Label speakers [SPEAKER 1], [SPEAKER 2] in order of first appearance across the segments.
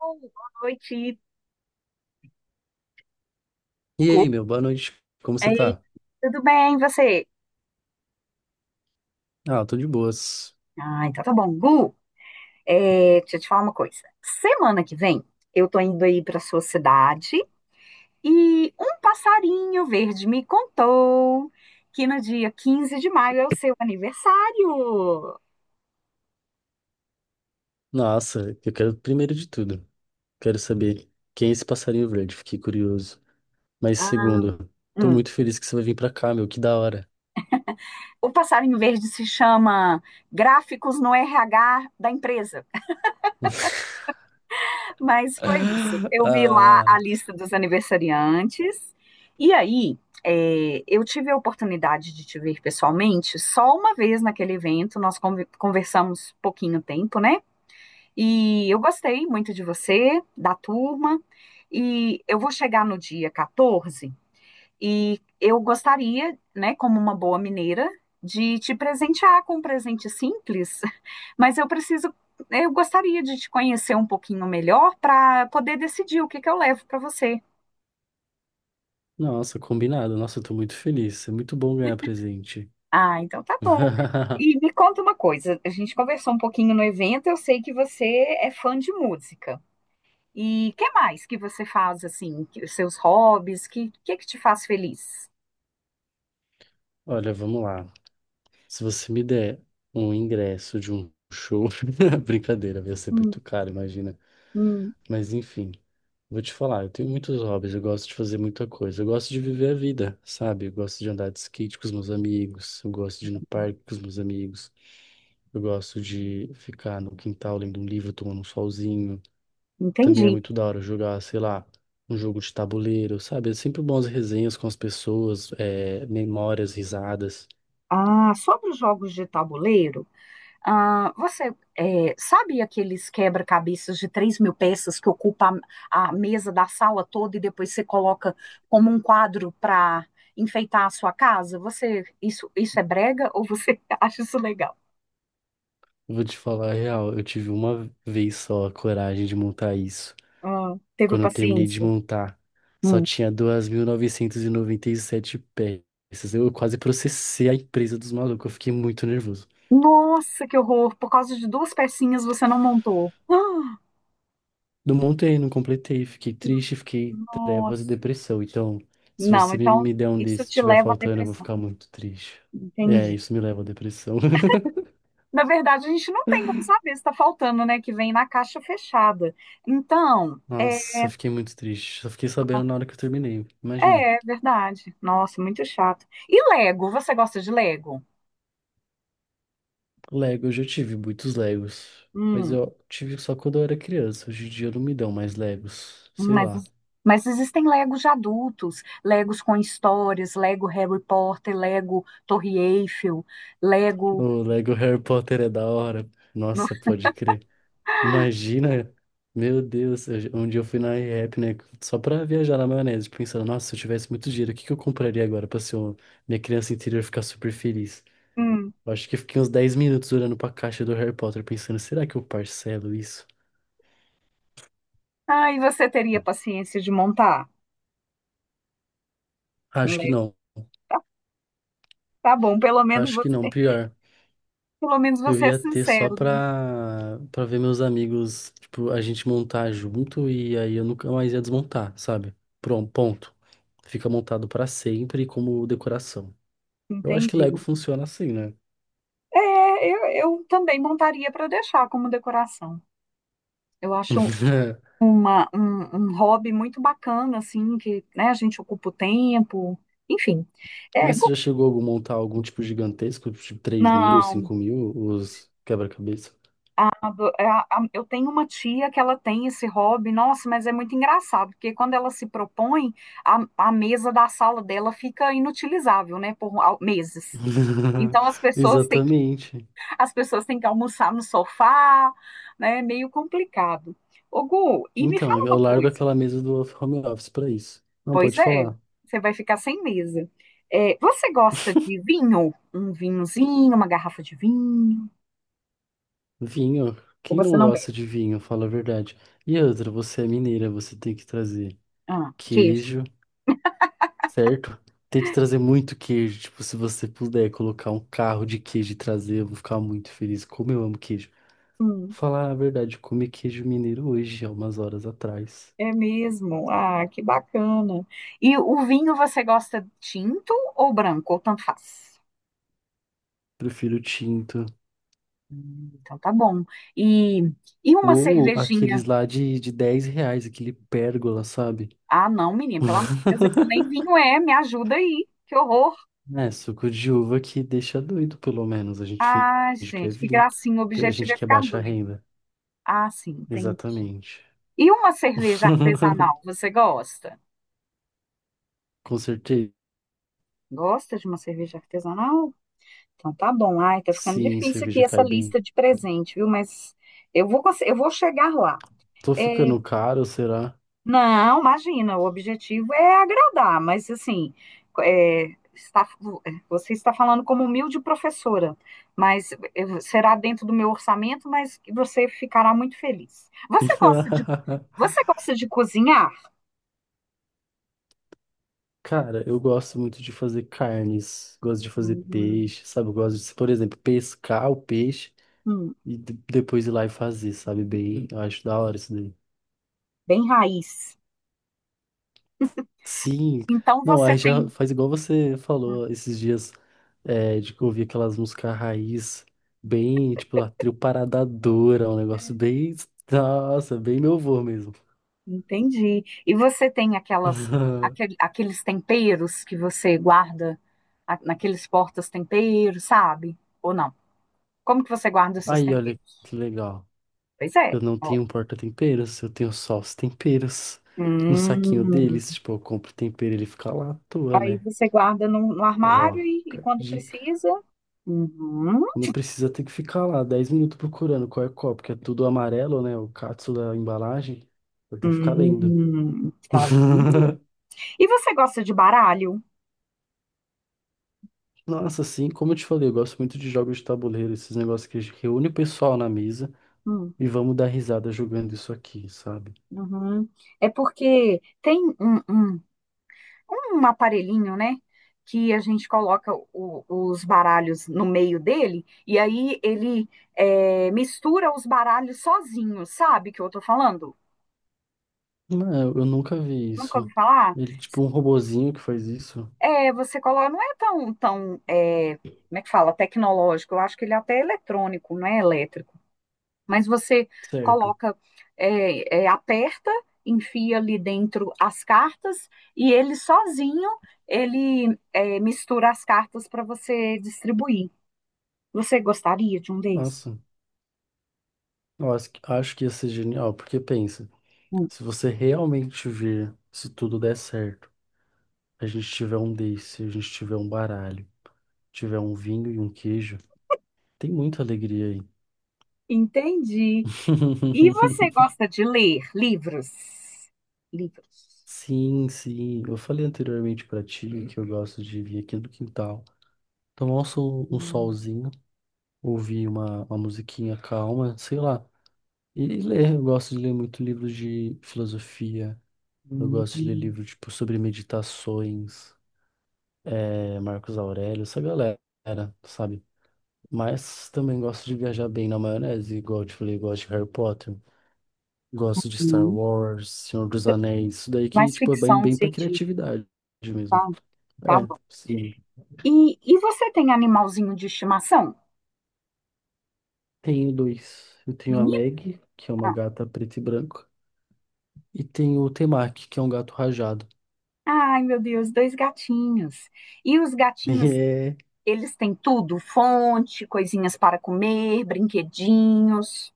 [SPEAKER 1] Oi, boa noite,
[SPEAKER 2] E
[SPEAKER 1] Gu.
[SPEAKER 2] aí, meu, boa noite. Como você
[SPEAKER 1] Ei,
[SPEAKER 2] tá?
[SPEAKER 1] tudo bem, e você?
[SPEAKER 2] Ah, tô de boas.
[SPEAKER 1] Ah, então tá bom. Gu, deixa eu te falar uma coisa. Semana que vem, eu tô indo aí pra sua cidade e um passarinho verde me contou que no dia 15 de maio é o seu aniversário.
[SPEAKER 2] Nossa, eu quero, primeiro de tudo, quero saber quem é esse passarinho verde, fiquei curioso. Mas
[SPEAKER 1] Ah,
[SPEAKER 2] segundo, tô
[SPEAKER 1] hum.
[SPEAKER 2] muito feliz que você vai vir pra cá, meu, que da hora.
[SPEAKER 1] O passarinho verde se chama Gráficos no RH da empresa. Mas foi isso. Eu vi lá a
[SPEAKER 2] Ah,
[SPEAKER 1] lista dos aniversariantes. E aí, eu tive a oportunidade de te ver pessoalmente só uma vez naquele evento. Nós conversamos pouquinho tempo, né? E eu gostei muito de você, da turma. E eu vou chegar no dia 14 e eu gostaria, né, como uma boa mineira, de te presentear com um presente simples, mas eu preciso, eu gostaria de te conhecer um pouquinho melhor para poder decidir o que que eu levo para você.
[SPEAKER 2] nossa, combinado. Nossa, eu tô muito feliz. É muito bom ganhar presente.
[SPEAKER 1] Ah, então tá bom. E me conta uma coisa, a gente conversou um pouquinho no evento, eu sei que você é fã de música. E que mais que você faz assim, os seus hobbies, que que te faz feliz?
[SPEAKER 2] Olha, vamos lá. Se você me der um ingresso de um show, brincadeira, vai ser
[SPEAKER 1] Hum,
[SPEAKER 2] muito caro, imagina.
[SPEAKER 1] hum,
[SPEAKER 2] Mas enfim, vou te falar, eu tenho muitos hobbies, eu gosto de fazer muita coisa. Eu gosto de viver a vida, sabe? Eu gosto de andar de skate com os meus amigos, eu gosto de ir no parque com os meus amigos, eu gosto de ficar no quintal lendo um livro, tomando um solzinho. Também é
[SPEAKER 1] entendi.
[SPEAKER 2] muito da hora jogar, sei lá, um jogo de tabuleiro, sabe? É sempre bons as resenhas com as pessoas, memórias, risadas.
[SPEAKER 1] Ah, sobre os jogos de tabuleiro, ah, você sabe aqueles quebra-cabeças de 3.000 peças que ocupa a mesa da sala toda e depois você coloca como um quadro para enfeitar a sua casa? Isso é brega ou você acha isso legal?
[SPEAKER 2] Eu vou te falar a real, eu tive uma vez só a coragem de montar isso.
[SPEAKER 1] Ah, teve
[SPEAKER 2] Quando eu terminei de
[SPEAKER 1] paciência?
[SPEAKER 2] montar, só
[SPEAKER 1] Hum.
[SPEAKER 2] tinha duas mil e noventa e sete peças. Eu quase processei a empresa dos malucos, eu fiquei muito nervoso.
[SPEAKER 1] Nossa, que horror! Por causa de duas pecinhas você não montou. Ah,
[SPEAKER 2] Não montei, não completei, fiquei triste, fiquei trevas e
[SPEAKER 1] nossa.
[SPEAKER 2] depressão. Então, se
[SPEAKER 1] Não,
[SPEAKER 2] você me
[SPEAKER 1] então
[SPEAKER 2] me der um
[SPEAKER 1] isso
[SPEAKER 2] desses, se
[SPEAKER 1] te
[SPEAKER 2] tiver
[SPEAKER 1] leva à
[SPEAKER 2] faltando, eu vou
[SPEAKER 1] depressão.
[SPEAKER 2] ficar muito triste. É,
[SPEAKER 1] Entendi.
[SPEAKER 2] isso me leva à depressão.
[SPEAKER 1] Na verdade, a gente não tem como saber se tá faltando, né? Que vem na caixa fechada. Então,
[SPEAKER 2] Nossa, eu fiquei muito triste. Só fiquei sabendo na hora que eu terminei. Imagina.
[SPEAKER 1] é verdade. Nossa, muito chato. E Lego? Você gosta de Lego?
[SPEAKER 2] Lego, eu já tive muitos Legos. Mas
[SPEAKER 1] Hum,
[SPEAKER 2] eu tive só quando eu era criança. Hoje em dia não me dão mais Legos. Sei
[SPEAKER 1] mas,
[SPEAKER 2] lá.
[SPEAKER 1] mas existem Legos de adultos, Legos com histórias, Lego Harry Potter, Lego Torre Eiffel, Lego.
[SPEAKER 2] O Lego Harry Potter é da hora.
[SPEAKER 1] no-
[SPEAKER 2] Nossa, pode crer. Imagina, meu Deus, eu um dia eu fui na IRAP, né, só pra viajar na maionese, pensando, nossa, se eu tivesse muito dinheiro, o que que eu compraria agora pra ser minha criança interior ficar super feliz?
[SPEAKER 1] Hum.
[SPEAKER 2] Eu acho que eu fiquei uns 10 minutos olhando pra caixa do Harry Potter, pensando, será que eu parcelo isso?
[SPEAKER 1] Ah, e você teria paciência de montar um
[SPEAKER 2] Acho que
[SPEAKER 1] Lego?
[SPEAKER 2] não,
[SPEAKER 1] Tá, tá bom, pelo menos
[SPEAKER 2] acho
[SPEAKER 1] você,
[SPEAKER 2] que não, pior.
[SPEAKER 1] pelo menos
[SPEAKER 2] Eu
[SPEAKER 1] você é
[SPEAKER 2] ia ter só
[SPEAKER 1] sincero, né?
[SPEAKER 2] pra, pra ver meus amigos, tipo, a gente montar junto e aí eu nunca mais ia desmontar, sabe? Pronto, ponto. Fica montado pra sempre como decoração. Eu acho que Lego
[SPEAKER 1] Entendi.
[SPEAKER 2] funciona assim, né?
[SPEAKER 1] É, eu, eu também montaria para deixar como decoração. Eu acho um hobby muito bacana, assim, que, né, a gente ocupa o tempo, enfim. É,
[SPEAKER 2] Mas você
[SPEAKER 1] go-
[SPEAKER 2] já chegou a montar algum tipo gigantesco, tipo 3.000,
[SPEAKER 1] não,
[SPEAKER 2] 5.000, os quebra-cabeça?
[SPEAKER 1] a eu tenho uma tia que ela tem esse hobby, nossa, mas é muito engraçado, porque quando ela se propõe, a mesa da sala dela fica inutilizável, né, por meses. Então as pessoas
[SPEAKER 2] Exatamente.
[SPEAKER 1] as pessoas têm que almoçar no sofá, né? É meio complicado. Ô, Gu, e me
[SPEAKER 2] Então,
[SPEAKER 1] fala uma
[SPEAKER 2] eu largo
[SPEAKER 1] coisa.
[SPEAKER 2] aquela mesa do home office pra isso. Não,
[SPEAKER 1] Pois
[SPEAKER 2] pode
[SPEAKER 1] é,
[SPEAKER 2] falar.
[SPEAKER 1] você vai ficar sem mesa. Você gosta de vinho? Um vinhozinho, uma garrafa de vinho?
[SPEAKER 2] Vinho.
[SPEAKER 1] Ou
[SPEAKER 2] Quem
[SPEAKER 1] você
[SPEAKER 2] não
[SPEAKER 1] não bebe?
[SPEAKER 2] gosta de vinho, fala a verdade. E outra, você é mineira, você tem que trazer
[SPEAKER 1] Ah, queijo.
[SPEAKER 2] queijo, certo? Tem que trazer muito queijo. Tipo, se você puder colocar um carro de queijo e trazer, eu vou ficar muito feliz. Como eu amo queijo.
[SPEAKER 1] Hum,
[SPEAKER 2] Falar a verdade, eu comi queijo mineiro hoje, há umas horas atrás.
[SPEAKER 1] é mesmo. Ah, que bacana. E o vinho você gosta tinto ou branco? Ou tanto faz?
[SPEAKER 2] Prefiro tinto.
[SPEAKER 1] Então tá bom. E, e uma
[SPEAKER 2] Ou
[SPEAKER 1] cervejinha?
[SPEAKER 2] aqueles lá de 10 reais, aquele pérgola, sabe?
[SPEAKER 1] Ah, não, menina, pelo amor de Deus, aquilo nem vinho é, me ajuda aí. Que horror.
[SPEAKER 2] É, suco de uva que deixa doido, pelo menos. A gente
[SPEAKER 1] Ah,
[SPEAKER 2] finge que é
[SPEAKER 1] gente, que
[SPEAKER 2] vinho.
[SPEAKER 1] gracinha, o
[SPEAKER 2] A
[SPEAKER 1] objetivo
[SPEAKER 2] gente
[SPEAKER 1] é
[SPEAKER 2] que é
[SPEAKER 1] ficar
[SPEAKER 2] baixa
[SPEAKER 1] doido.
[SPEAKER 2] renda.
[SPEAKER 1] Ah, sim, tem.
[SPEAKER 2] Exatamente.
[SPEAKER 1] E uma cerveja artesanal, você gosta?
[SPEAKER 2] Com certeza.
[SPEAKER 1] Gosta de uma cerveja artesanal? Então tá bom. Ai, tá ficando
[SPEAKER 2] Sim,
[SPEAKER 1] difícil
[SPEAKER 2] cerveja
[SPEAKER 1] aqui essa
[SPEAKER 2] cai bem.
[SPEAKER 1] lista de presente, viu? Mas eu vou chegar lá.
[SPEAKER 2] Tô
[SPEAKER 1] É,
[SPEAKER 2] ficando caro, será?
[SPEAKER 1] Não, imagina, o objetivo é agradar, mas assim, é, está- você está falando como humilde professora, mas será dentro do meu orçamento, mas você ficará muito feliz. Você gosta de cozinhar?
[SPEAKER 2] Cara, eu gosto muito de fazer carnes, gosto de fazer
[SPEAKER 1] Hum,
[SPEAKER 2] peixe, sabe? Eu gosto de, por exemplo, pescar o peixe
[SPEAKER 1] hum,
[SPEAKER 2] e depois ir lá e fazer, sabe? Bem, eu acho da hora isso.
[SPEAKER 1] bem raiz.
[SPEAKER 2] Sim,
[SPEAKER 1] Então
[SPEAKER 2] não,
[SPEAKER 1] você
[SPEAKER 2] aí
[SPEAKER 1] tem,
[SPEAKER 2] já faz igual você falou esses dias, de que eu ouvi aquelas músicas raiz, bem, tipo, a trio Paradadora, um negócio bem, nossa, bem meu vô mesmo.
[SPEAKER 1] entendi. E você tem aqueles temperos que você guarda naqueles portas-temperos, sabe? Ou não? Como que você guarda os seus
[SPEAKER 2] Aí, olha
[SPEAKER 1] temperos?
[SPEAKER 2] que legal,
[SPEAKER 1] Pois é.
[SPEAKER 2] eu não
[SPEAKER 1] Ó.
[SPEAKER 2] tenho porta-temperos, eu tenho só os temperos. No saquinho
[SPEAKER 1] Hum.
[SPEAKER 2] deles, tipo, eu compro tempero, ele fica lá à toa,
[SPEAKER 1] Aí
[SPEAKER 2] né?
[SPEAKER 1] você guarda no
[SPEAKER 2] Ó,
[SPEAKER 1] armário e
[SPEAKER 2] fica a
[SPEAKER 1] quando
[SPEAKER 2] dica.
[SPEAKER 1] precisa. Uhum.
[SPEAKER 2] Quando precisa, tem que ficar lá 10 minutos procurando qual é qual, porque é tudo amarelo, né? O catsu da embalagem. Eu tenho que ficar lendo.
[SPEAKER 1] Hum. Tá vendo? E você gosta de baralho?
[SPEAKER 2] Nossa, assim, como eu te falei, eu gosto muito de jogos de tabuleiro, esses negócios que reúne o pessoal na mesa
[SPEAKER 1] Hum.
[SPEAKER 2] e vamos dar risada jogando isso aqui, sabe?
[SPEAKER 1] Uhum. É porque tem um aparelhinho, né? Que a gente coloca os baralhos no meio dele e aí ele mistura os baralhos sozinho, sabe o que eu tô falando?
[SPEAKER 2] Não, eu nunca vi
[SPEAKER 1] Nunca ouvi
[SPEAKER 2] isso.
[SPEAKER 1] falar?
[SPEAKER 2] Ele, tipo, um robozinho que faz isso.
[SPEAKER 1] Você coloca, não é tão, como é que fala, tecnológico, eu acho que ele é até é eletrônico, não é elétrico, mas você
[SPEAKER 2] Certo.
[SPEAKER 1] coloca, aperta, enfia ali dentro as cartas e ele sozinho, ele mistura as cartas para você distribuir. Você gostaria de um desses?
[SPEAKER 2] Nossa, eu acho que ia ser genial, porque pensa,
[SPEAKER 1] Hum,
[SPEAKER 2] se você realmente vir, se tudo der certo, a gente tiver um desse, a gente tiver um baralho, tiver um vinho e um queijo, tem muita alegria aí.
[SPEAKER 1] entendi. E você gosta de ler livros? Livros.
[SPEAKER 2] Sim, sim. Eu falei anteriormente pra ti que eu gosto de vir aqui no quintal, tomar um
[SPEAKER 1] Hum,
[SPEAKER 2] solzinho, ouvir uma musiquinha calma, sei lá. E ler. Eu gosto de ler muito livro de filosofia. Eu gosto de ler
[SPEAKER 1] hum,
[SPEAKER 2] livro tipo sobre meditações, Marcos Aurélio, essa galera, sabe? Mas também gosto de viajar bem na maionese, igual eu te falei, gosto de Harry Potter, gosto de Star
[SPEAKER 1] hum.
[SPEAKER 2] Wars, Senhor dos Anéis, isso daí
[SPEAKER 1] Mais
[SPEAKER 2] que, tipo, é bem,
[SPEAKER 1] ficção
[SPEAKER 2] bem pra
[SPEAKER 1] científica.
[SPEAKER 2] criatividade mesmo.
[SPEAKER 1] Tá
[SPEAKER 2] É,
[SPEAKER 1] bom.
[SPEAKER 2] sim.
[SPEAKER 1] E você tem animalzinho de estimação?
[SPEAKER 2] Tenho dois. Eu tenho a
[SPEAKER 1] Menina?
[SPEAKER 2] Meg, que é uma gata preta e branca, e tenho o Temaki, que é um gato rajado.
[SPEAKER 1] Ai, meu Deus, dois gatinhos. E os
[SPEAKER 2] E
[SPEAKER 1] gatinhos,
[SPEAKER 2] é,
[SPEAKER 1] eles têm tudo? Fonte, coisinhas para comer, brinquedinhos.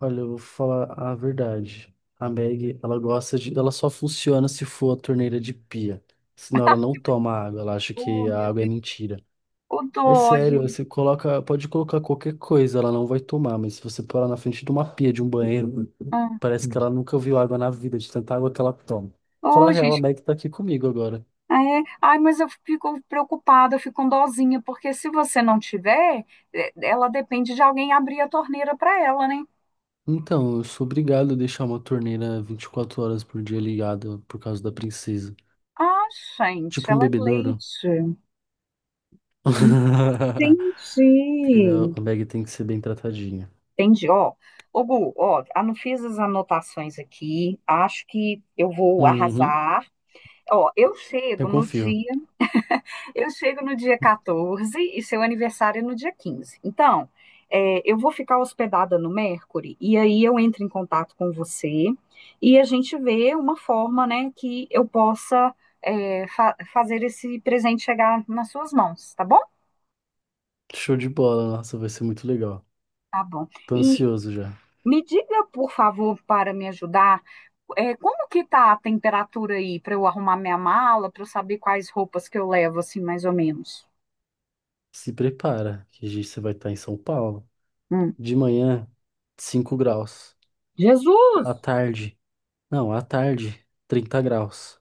[SPEAKER 2] olha, eu vou falar a verdade. A Meg, ela gosta de, ela só funciona se for a torneira de pia. Senão ela não toma água, ela acha
[SPEAKER 1] Oh,
[SPEAKER 2] que a
[SPEAKER 1] meu
[SPEAKER 2] água é
[SPEAKER 1] Deus.
[SPEAKER 2] mentira.
[SPEAKER 1] Ô,
[SPEAKER 2] É
[SPEAKER 1] dó,
[SPEAKER 2] sério,
[SPEAKER 1] gente.
[SPEAKER 2] você coloca, pode colocar qualquer coisa, ela não vai tomar, mas se você pôr ela na frente de uma pia, de um banheiro,
[SPEAKER 1] Ah.
[SPEAKER 2] parece que ela nunca viu água na vida, de tanta água que ela toma. Fala
[SPEAKER 1] Ô,
[SPEAKER 2] a real, a
[SPEAKER 1] gente.
[SPEAKER 2] Meg tá aqui comigo agora.
[SPEAKER 1] É. Ai, mas eu fico preocupada, eu fico com dózinha, porque se você não tiver, ela depende de alguém abrir a torneira para ela, né?
[SPEAKER 2] Então, eu sou obrigado a deixar uma torneira 24 horas por dia ligada por causa da princesa.
[SPEAKER 1] Ah, gente,
[SPEAKER 2] Tipo um
[SPEAKER 1] ela é
[SPEAKER 2] bebedouro.
[SPEAKER 1] leite.
[SPEAKER 2] Entendeu?
[SPEAKER 1] Entendi.
[SPEAKER 2] A Meg tem que ser bem tratadinha.
[SPEAKER 1] Entendi. Ó, ô Gu, ó, ah, não fiz as anotações aqui. Acho que eu vou
[SPEAKER 2] Uhum,
[SPEAKER 1] arrasar. Ó,
[SPEAKER 2] eu confio.
[SPEAKER 1] eu chego no dia 14 e seu aniversário é no dia 15. Então, eu vou ficar hospedada no Mercury e aí eu entro em contato com você e a gente vê uma forma, né, que eu possa fazer esse presente chegar nas suas mãos, tá bom?
[SPEAKER 2] Show de bola, nossa, vai ser muito legal.
[SPEAKER 1] Tá bom.
[SPEAKER 2] Tô
[SPEAKER 1] E
[SPEAKER 2] ansioso já.
[SPEAKER 1] me diga, por favor, para me ajudar, como que tá a temperatura aí para eu arrumar minha mala, para eu saber quais roupas que eu levo, assim, mais ou menos?
[SPEAKER 2] Se prepara, que você vai estar em São Paulo.
[SPEAKER 1] Hum.
[SPEAKER 2] De manhã, 5 graus.
[SPEAKER 1] Jesus!
[SPEAKER 2] À tarde, não, à tarde, 30 graus.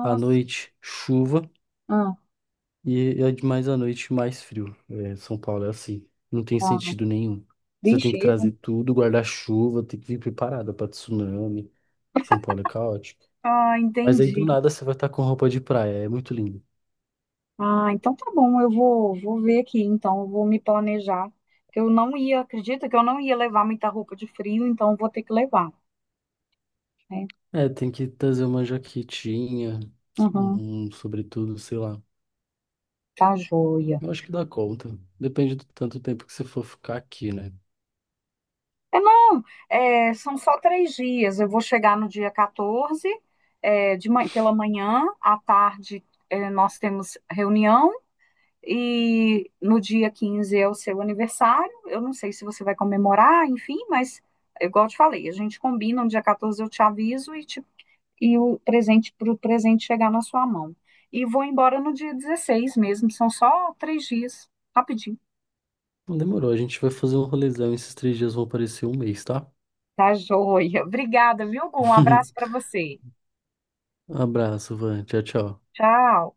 [SPEAKER 2] À noite, chuva.
[SPEAKER 1] ah,
[SPEAKER 2] E é de mais à noite, mais frio. É, São Paulo é assim. Não tem
[SPEAKER 1] tá.
[SPEAKER 2] sentido nenhum. Você tem
[SPEAKER 1] Vixe,
[SPEAKER 2] que trazer tudo, guarda-chuva, tem que vir preparada para tsunami. São Paulo é caótico.
[SPEAKER 1] ah,
[SPEAKER 2] Mas aí do
[SPEAKER 1] entendi.
[SPEAKER 2] nada você vai estar com roupa de praia. É muito lindo.
[SPEAKER 1] Ah, então tá bom, eu vou, vou ver aqui, então, eu vou me planejar. Que eu não ia, acredita que eu não ia levar muita roupa de frio, então eu vou ter que levar, né?
[SPEAKER 2] É, tem que trazer uma jaquetinha,
[SPEAKER 1] Uhum,
[SPEAKER 2] um sobretudo, sei lá.
[SPEAKER 1] tá joia.
[SPEAKER 2] Eu acho que dá conta. Depende do tanto tempo que você for ficar aqui, né?
[SPEAKER 1] Não, são só 3 dias. Eu vou chegar no dia 14, pela manhã, à tarde, nós temos reunião, e no dia 15 é o seu aniversário. Eu não sei se você vai comemorar, enfim, mas igual eu te falei, a gente combina, no dia 14 eu te aviso e o presente para o presente chegar na sua mão. E vou embora no dia 16, mesmo, são só 3 dias, rapidinho.
[SPEAKER 2] Não demorou, a gente vai fazer um rolezão. Esses 3 dias vão parecer um mês, tá?
[SPEAKER 1] Tá joia. Obrigada, viu, Gu? Um abraço para você.
[SPEAKER 2] Abraço, Van. Tchau, tchau.
[SPEAKER 1] Tchau.